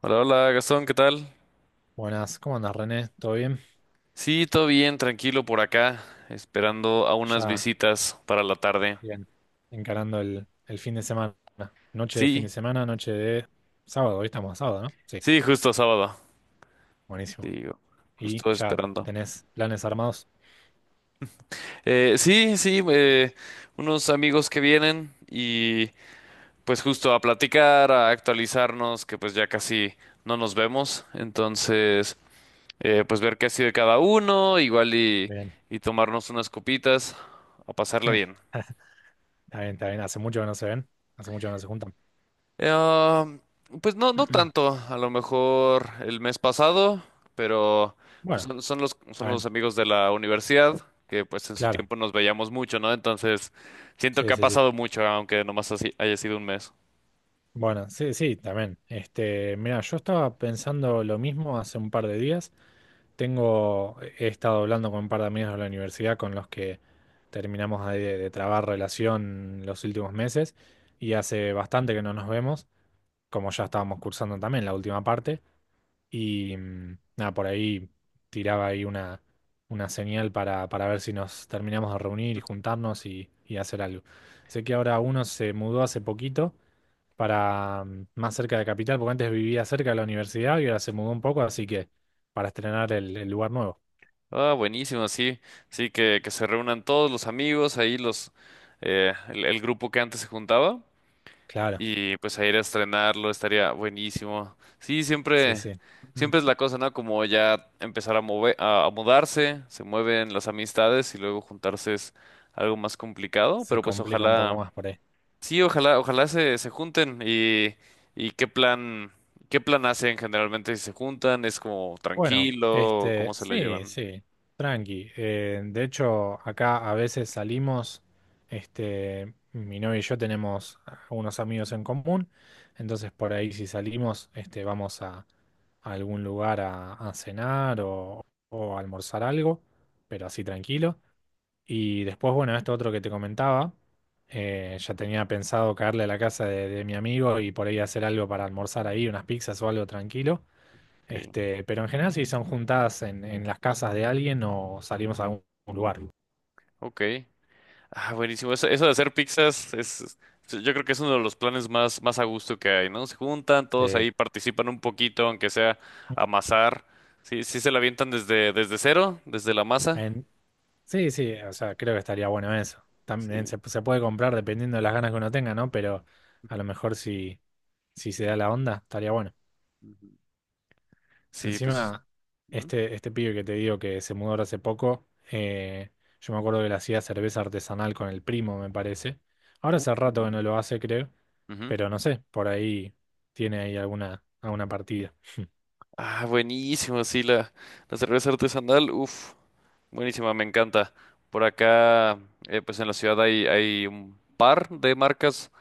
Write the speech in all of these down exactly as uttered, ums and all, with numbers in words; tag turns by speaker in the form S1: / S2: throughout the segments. S1: Hola, hola Gastón, ¿qué tal?
S2: Buenas, ¿cómo andas, René? ¿Todo bien?
S1: Sí, todo bien, tranquilo por acá, esperando a unas
S2: Ya,
S1: visitas para la tarde.
S2: bien, encarando el, el fin de semana. Noche de fin
S1: Sí,
S2: de semana, noche de sábado, hoy estamos a sábado, ¿no? Sí,
S1: sí, justo sábado.
S2: buenísimo.
S1: Digo,
S2: ¿Y
S1: justo
S2: ya
S1: esperando.
S2: tenés planes armados?
S1: Eh, sí, sí, eh, unos amigos que vienen y pues justo a platicar, a actualizarnos, que pues ya casi no nos vemos. Entonces, eh, pues ver qué ha sido de cada uno, igual y,
S2: Bien.
S1: y tomarnos unas copitas, a pasarla bien.
S2: Está bien, está bien. Hace mucho que no se ven, hace mucho que no se juntan.
S1: Eh, ah, pues no, no tanto, a lo mejor el mes pasado, pero pues
S2: Bueno,
S1: son, son los,
S2: está
S1: son los
S2: bien,
S1: amigos de la universidad que pues en su
S2: claro.
S1: tiempo nos veíamos mucho, ¿no? Entonces siento que
S2: Sí,
S1: ha
S2: sí, sí.
S1: pasado mucho, aunque nomás así haya sido un mes.
S2: Bueno, sí, sí, también. Este, mira, yo estaba pensando lo mismo hace un par de días. Tengo, he estado hablando con un par de amigos de la universidad con los que terminamos de, de trabar relación los últimos meses y hace bastante que no nos vemos, como ya estábamos cursando también la última parte y mm, nada, por ahí tiraba ahí una, una señal para, para ver si nos terminamos de reunir y juntarnos y, y hacer algo. Sé que ahora uno se mudó hace poquito para mm, más cerca de Capital, porque antes vivía cerca de la universidad y ahora se mudó un poco, así que para estrenar el el lugar nuevo.
S1: Ah, buenísimo, sí, sí, que, que se reúnan todos los amigos, ahí los, eh, el, el grupo que antes se juntaba.
S2: Claro,
S1: Y pues a ir a estrenarlo estaría buenísimo. Sí,
S2: sí,
S1: siempre,
S2: sí. Ujú.
S1: siempre es la cosa, ¿no? Como ya empezar a mover, a, a mudarse, se mueven las amistades y luego juntarse es algo más complicado,
S2: Se
S1: pero pues
S2: complica un poco
S1: ojalá,
S2: más por ahí.
S1: sí, ojalá, ojalá se, se junten, y, y qué plan, qué plan hacen generalmente si se juntan, es como
S2: Bueno,
S1: tranquilo, cómo
S2: este,
S1: se la
S2: sí,
S1: llevan.
S2: sí, tranqui. Eh, de hecho, acá a veces salimos, este, mi novia y yo tenemos unos amigos en común, entonces por ahí si salimos, este, vamos a, a algún lugar a, a cenar o, o a almorzar algo, pero así tranquilo. Y después, bueno, esto otro que te comentaba, eh, ya tenía pensado caerle a la casa de, de mi amigo y por ahí hacer algo para almorzar ahí, unas pizzas o algo tranquilo.
S1: Ok,
S2: Este, pero en general, si son juntadas en, en las casas de alguien o salimos a algún lugar.
S1: ok. Ah, buenísimo. Eso, eso de hacer pizzas es, es- yo creo que es uno de los planes más, más a gusto que hay, ¿no? Se juntan, todos
S2: Eh,
S1: ahí participan un poquito, aunque sea amasar. Sí, sí se la avientan desde, desde cero, desde la masa.
S2: en- sí, sí, o sea, creo que estaría bueno eso. También
S1: Sí.
S2: se, se puede comprar dependiendo de las ganas que uno tenga, ¿no? Pero a lo mejor si, si se da la onda, estaría bueno.
S1: Ujú. Sí, pues.
S2: Encima,
S1: Ujú.
S2: este, este pibe que te digo que se mudó ahora hace poco, eh, yo me acuerdo que le hacía cerveza artesanal con el primo, me parece. Ahora
S1: Uh.
S2: hace rato que no lo hace, creo,
S1: Ujú.
S2: pero no sé, por ahí tiene ahí alguna, alguna partida.
S1: Ah, buenísimo, sí, la, la cerveza artesanal, uff, buenísima, me encanta. Por acá, eh, pues en la ciudad hay, hay un par de marcas,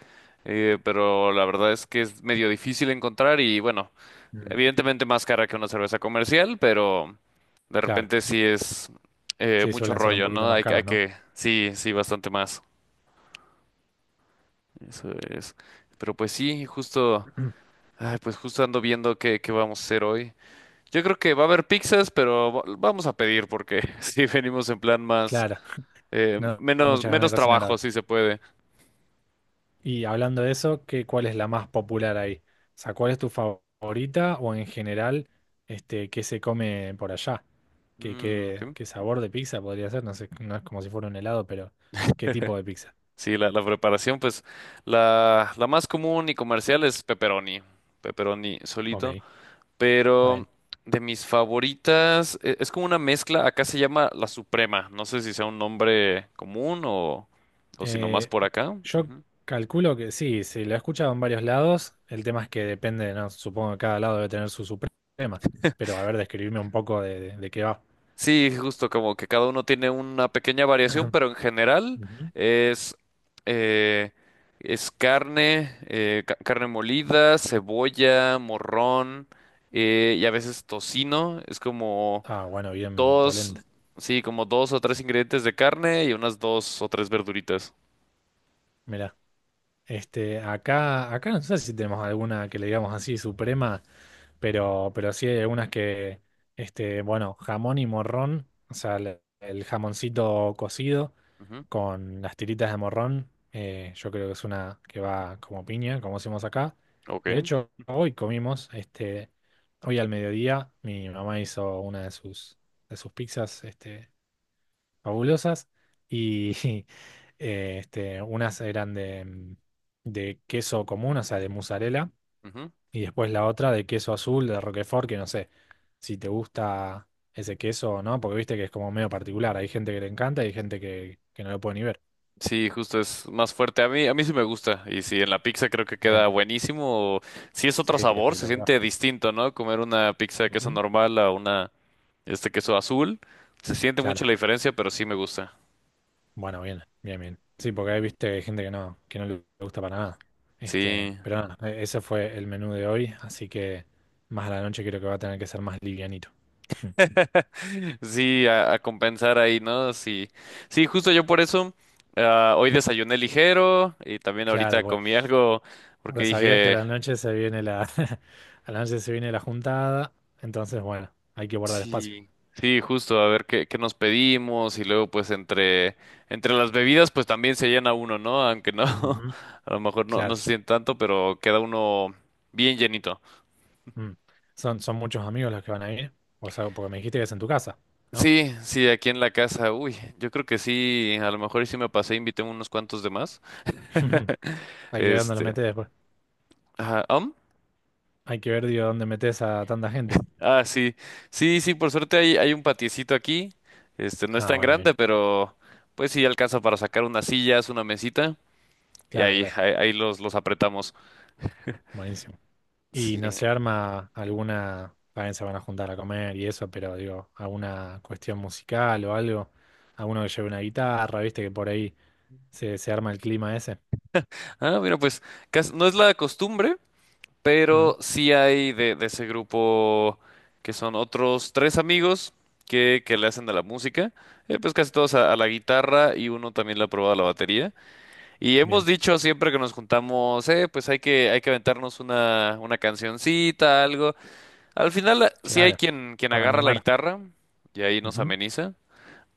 S1: eh, pero la verdad es que es medio difícil encontrar y bueno,
S2: Mm,
S1: evidentemente más cara que una cerveza comercial, pero de
S2: claro,
S1: repente sí es eh,
S2: sí,
S1: mucho
S2: suelen ser un
S1: rollo,
S2: poquito
S1: ¿no?
S2: más
S1: Hay, que- hay
S2: caras, ¿no?
S1: que, sí, sí, bastante más. Eso es. Pero pues sí, justo, ay, pues justo ando viendo qué, qué vamos a hacer hoy. Yo creo que va a haber pizzas, pero va- vamos a pedir porque sí venimos en plan más,
S2: Claro,
S1: eh,
S2: no da
S1: menos,
S2: muchas ganas de
S1: menos
S2: cocinar
S1: trabajo,
S2: ahora.
S1: si se puede.
S2: Y hablando de eso, ¿qué, cuál es la más popular ahí? O sea, ¿cuál es tu favorita o en general, este, qué se come por allá? ¿Qué,
S1: Mm,
S2: qué,
S1: ok.
S2: qué sabor de pizza podría ser? No sé, no es como si fuera un helado, pero ¿qué tipo de pizza?
S1: Sí, la, la preparación, pues la, la más común y comercial es pepperoni. Pepperoni
S2: Ok,
S1: solito.
S2: está
S1: Pero
S2: bien.
S1: de mis favoritas, e- es como una mezcla, acá se llama La Suprema, no sé si sea un nombre común o, o si nomás
S2: Eh,
S1: por acá.
S2: yo
S1: Ujú.
S2: calculo que sí, sí, lo he escuchado en varios lados. El tema es que depende, ¿no? Supongo que cada lado debe tener su suprema. Pero a ver, describirme un poco de, de- de qué va.
S1: Sí, justo como que cada uno tiene una pequeña variación, pero en general
S2: Ujú.
S1: es, eh, es carne, eh, ca- carne molida, cebolla, morrón eh, y a veces tocino, es como
S2: Ah, bueno, bien
S1: dos,
S2: polenta.
S1: sí, como dos o tres ingredientes de carne y unas dos o tres verduritas.
S2: Mirá. Este, acá, acá no sé si tenemos alguna que le digamos así suprema, pero, pero sí hay algunas que, este, bueno, jamón y morrón, o sea, el, el jamoncito cocido con las tiritas de morrón, eh, yo creo que es una que va como piña, como decimos acá. De
S1: Ok.
S2: hecho, hoy comimos, este, hoy al mediodía, mi mamá hizo una de sus, de sus pizzas, este, fabulosas y eh, este, unas eran de, mm, de queso común, o sea, de mozzarella,
S1: Ujú.
S2: y después la otra de queso azul, de Roquefort, que no sé si te gusta ese queso o no, porque viste que es como medio particular, hay gente que le encanta y hay gente que, que no lo puede ni ver.
S1: Sí, justo es más fuerte. A mí, a mí sí me gusta. Y sí, en la pizza creo que
S2: Bien,
S1: queda buenísimo. Sí es otro
S2: sí, que
S1: sabor, se
S2: espectacular.
S1: siente distinto, ¿no? Comer una pizza de queso
S2: Ujú.
S1: normal a una, este queso azul. Se siente
S2: Claro.
S1: mucho la diferencia, pero sí me gusta.
S2: Bueno, bien, bien, bien. Sí, porque ahí viste que hay gente que no, que no le gusta para nada. Este,
S1: Sí,
S2: pero nada, e- ese fue el menú de hoy, así que más a la noche creo que va a tener que ser más livianito.
S1: sí, a, a compensar ahí, ¿no? Sí, sí, justo yo por eso, ah, hoy desayuné ligero y también
S2: Claro,
S1: ahorita
S2: pues,
S1: comí algo porque
S2: porque sabías que a
S1: dije.
S2: la noche se viene la, a la noche se viene la juntada, entonces bueno, hay que guardar espacio.
S1: Sí, sí, justo, a ver qué, qué nos pedimos y luego pues entre, entre las bebidas pues también se llena uno, ¿no? Aunque no,
S2: Ujú.
S1: a lo mejor no, no
S2: Claro.
S1: se siente tanto, pero queda uno bien llenito.
S2: Mm. Son, son muchos amigos los que van a ir, o sea, porque me dijiste que es en tu casa, ¿no?
S1: Sí, sí, aquí en la casa, uy, yo creo que sí, a lo mejor y sí me pasé, invité unos cuantos de más.
S2: Hay que ver dónde los
S1: Este,
S2: metes después.
S1: ajá, ¿am?
S2: Hay que ver, digo, dónde metes a tanta gente.
S1: Ah, sí, sí, sí, por suerte hay, hay un patiecito aquí, este, no es
S2: Ah,
S1: tan
S2: bueno,
S1: grande,
S2: bien.
S1: pero pues sí alcanza para sacar unas sillas, una mesita. Y
S2: Claro,
S1: ahí,
S2: claro.
S1: ahí, ahí los, los apretamos.
S2: Buenísimo. Y
S1: Sí.
S2: no se arma alguna, también se van a juntar a comer y eso, pero digo, alguna cuestión musical o algo, alguno que lleve una guitarra, viste que por ahí se, se arma el clima ese.
S1: Ah, mira, pues cas- no es la costumbre,
S2: Mm,
S1: pero sí hay de, de ese grupo que son otros tres amigos que, que le hacen de la música. Eh, pues casi todos a, a la guitarra y uno también le ha probado a la batería. Y hemos
S2: bien,
S1: dicho siempre que nos juntamos, eh, pues hay que, hay que aventarnos una, una cancioncita, algo. Al final eh, sí hay
S2: claro,
S1: quien, quien
S2: para
S1: agarra la
S2: animar.
S1: guitarra y ahí nos
S2: Ujú.
S1: ameniza.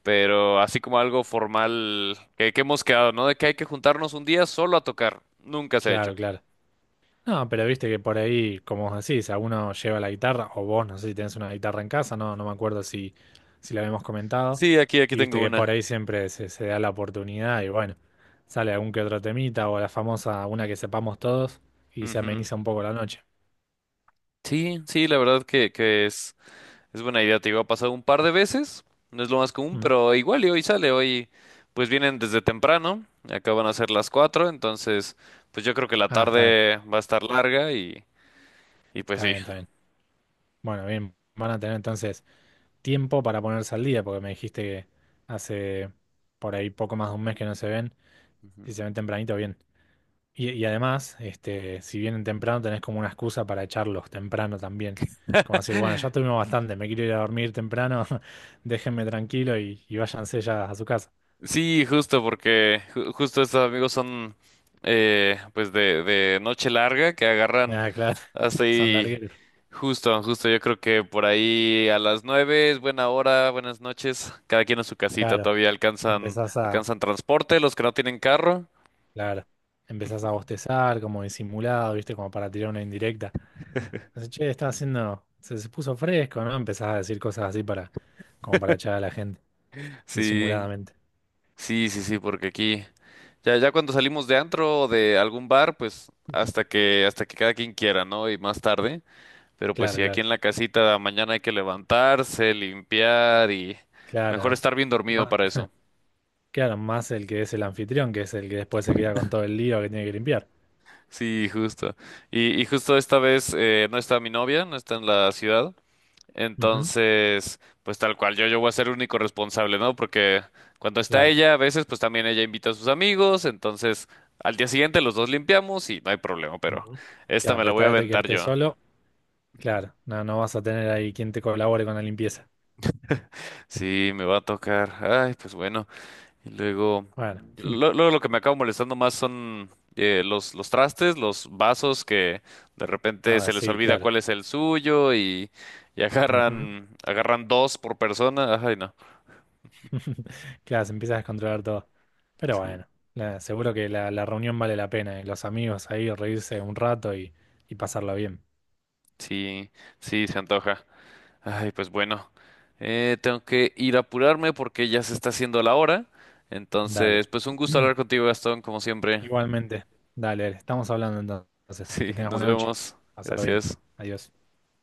S1: Pero así como algo formal que, que hemos quedado, ¿no? De que hay que juntarnos un día solo a tocar. Nunca se ha
S2: Claro,
S1: hecho.
S2: claro. No, pero viste que por ahí, como vos decís, alguno lleva la guitarra, o vos, no sé si tenés una guitarra en casa, no, no me acuerdo si, si la habíamos comentado,
S1: Sí, aquí, aquí
S2: y viste
S1: tengo
S2: que
S1: una.
S2: por ahí siempre se, se da la oportunidad y bueno, sale algún que otro temita o la famosa, una que sepamos todos y se
S1: Ujú.
S2: ameniza un poco la noche.
S1: Sí, sí, la verdad que, que es, es buena idea. Te digo, ha pasado un par de veces. No es lo más común,
S2: Mm.
S1: pero igual y hoy sale. Hoy, pues vienen desde temprano. Acaban a ser las cuatro. Entonces, pues yo creo que la
S2: Ah, está bien,
S1: tarde va a estar larga y, y pues
S2: está
S1: sí.
S2: bien, está bien. Bueno, bien, van a tener entonces tiempo para ponerse al día, porque me dijiste que hace por ahí poco más de un mes que no se ven, si
S1: Ujú.
S2: se ven tempranito, bien. Y, y además, este, si vienen temprano, tenés como una excusa para echarlos temprano también. Como decir, bueno, ya tuvimos bastante, me quiero ir a dormir temprano, déjenme tranquilo y, y váyanse ya a su casa.
S1: Sí, justo porque ju- justo estos amigos son eh, pues de, de noche larga que agarran
S2: Ah, claro,
S1: hasta
S2: son
S1: ahí
S2: largueros.
S1: justo, justo yo creo que por ahí a las nueve es buena hora, buenas noches, cada quien a su casita,
S2: Claro,
S1: todavía alcanzan,
S2: empezás a,
S1: alcanzan transporte, los que no tienen carro,
S2: claro, empezás a bostezar, como disimulado, ¿viste? Como para tirar una indirecta. Entonces, che, está haciendo, se, se puso fresco, ¿no? Empezás a decir cosas así para, como para echar a la gente,
S1: sí,
S2: disimuladamente.
S1: sí, sí, sí, porque aquí ya, ya cuando salimos de antro o de algún bar, pues hasta que, hasta que cada quien quiera, ¿no? Y más tarde. Pero pues
S2: Claro,
S1: sí, aquí
S2: claro,
S1: en la casita mañana hay que levantarse, limpiar y mejor
S2: claro,
S1: estar bien
S2: ¿no?
S1: dormido
S2: Ma-
S1: para eso.
S2: Claro, más el que es el anfitrión, que es el que después se queda con todo el lío que tiene que limpiar.
S1: Sí, justo. Y, y justo esta vez eh, no está mi novia, no está en la ciudad.
S2: Ujú.
S1: Entonces, pues tal cual, yo, yo voy a ser el único responsable, ¿no? Porque cuando está
S2: Claro.
S1: ella, a veces pues también ella invita a sus amigos. Entonces, al día siguiente los dos limpiamos y no hay problema, pero
S2: Ujú.
S1: esta
S2: Claro,
S1: me
S2: pero
S1: la voy
S2: esta
S1: a
S2: vez te
S1: aventar
S2: quedaste
S1: yo.
S2: solo, claro, no, no vas a tener ahí quien te colabore con la limpieza.
S1: Sí, me va a tocar. Ay, pues bueno. Y luego,
S2: Bueno,
S1: lo- luego lo que me acaba molestando más son eh, los, los trastes, los vasos que de repente
S2: a
S1: se les
S2: sí,
S1: olvida
S2: claro.
S1: cuál es el suyo y, y
S2: Ujú.
S1: agarran, agarran dos por persona. Ay, no.
S2: Claro, se empieza a descontrolar todo. Pero
S1: Sí,
S2: bueno, la- seguro que la, la reunión vale la pena, eh, Los amigos ahí, reírse un rato y, y pasarlo bien.
S1: sí, sí, se antoja. Ay, pues bueno. Eh, tengo que ir a apurarme porque ya se está haciendo la hora.
S2: Dale.
S1: Entonces, pues un gusto hablar contigo, Gastón, como siempre.
S2: Igualmente, dale, dale, estamos hablando entonces.
S1: Sí,
S2: Que tengas
S1: nos
S2: buena noche.
S1: vemos.
S2: Pasarlo bien.
S1: Gracias.
S2: Adiós.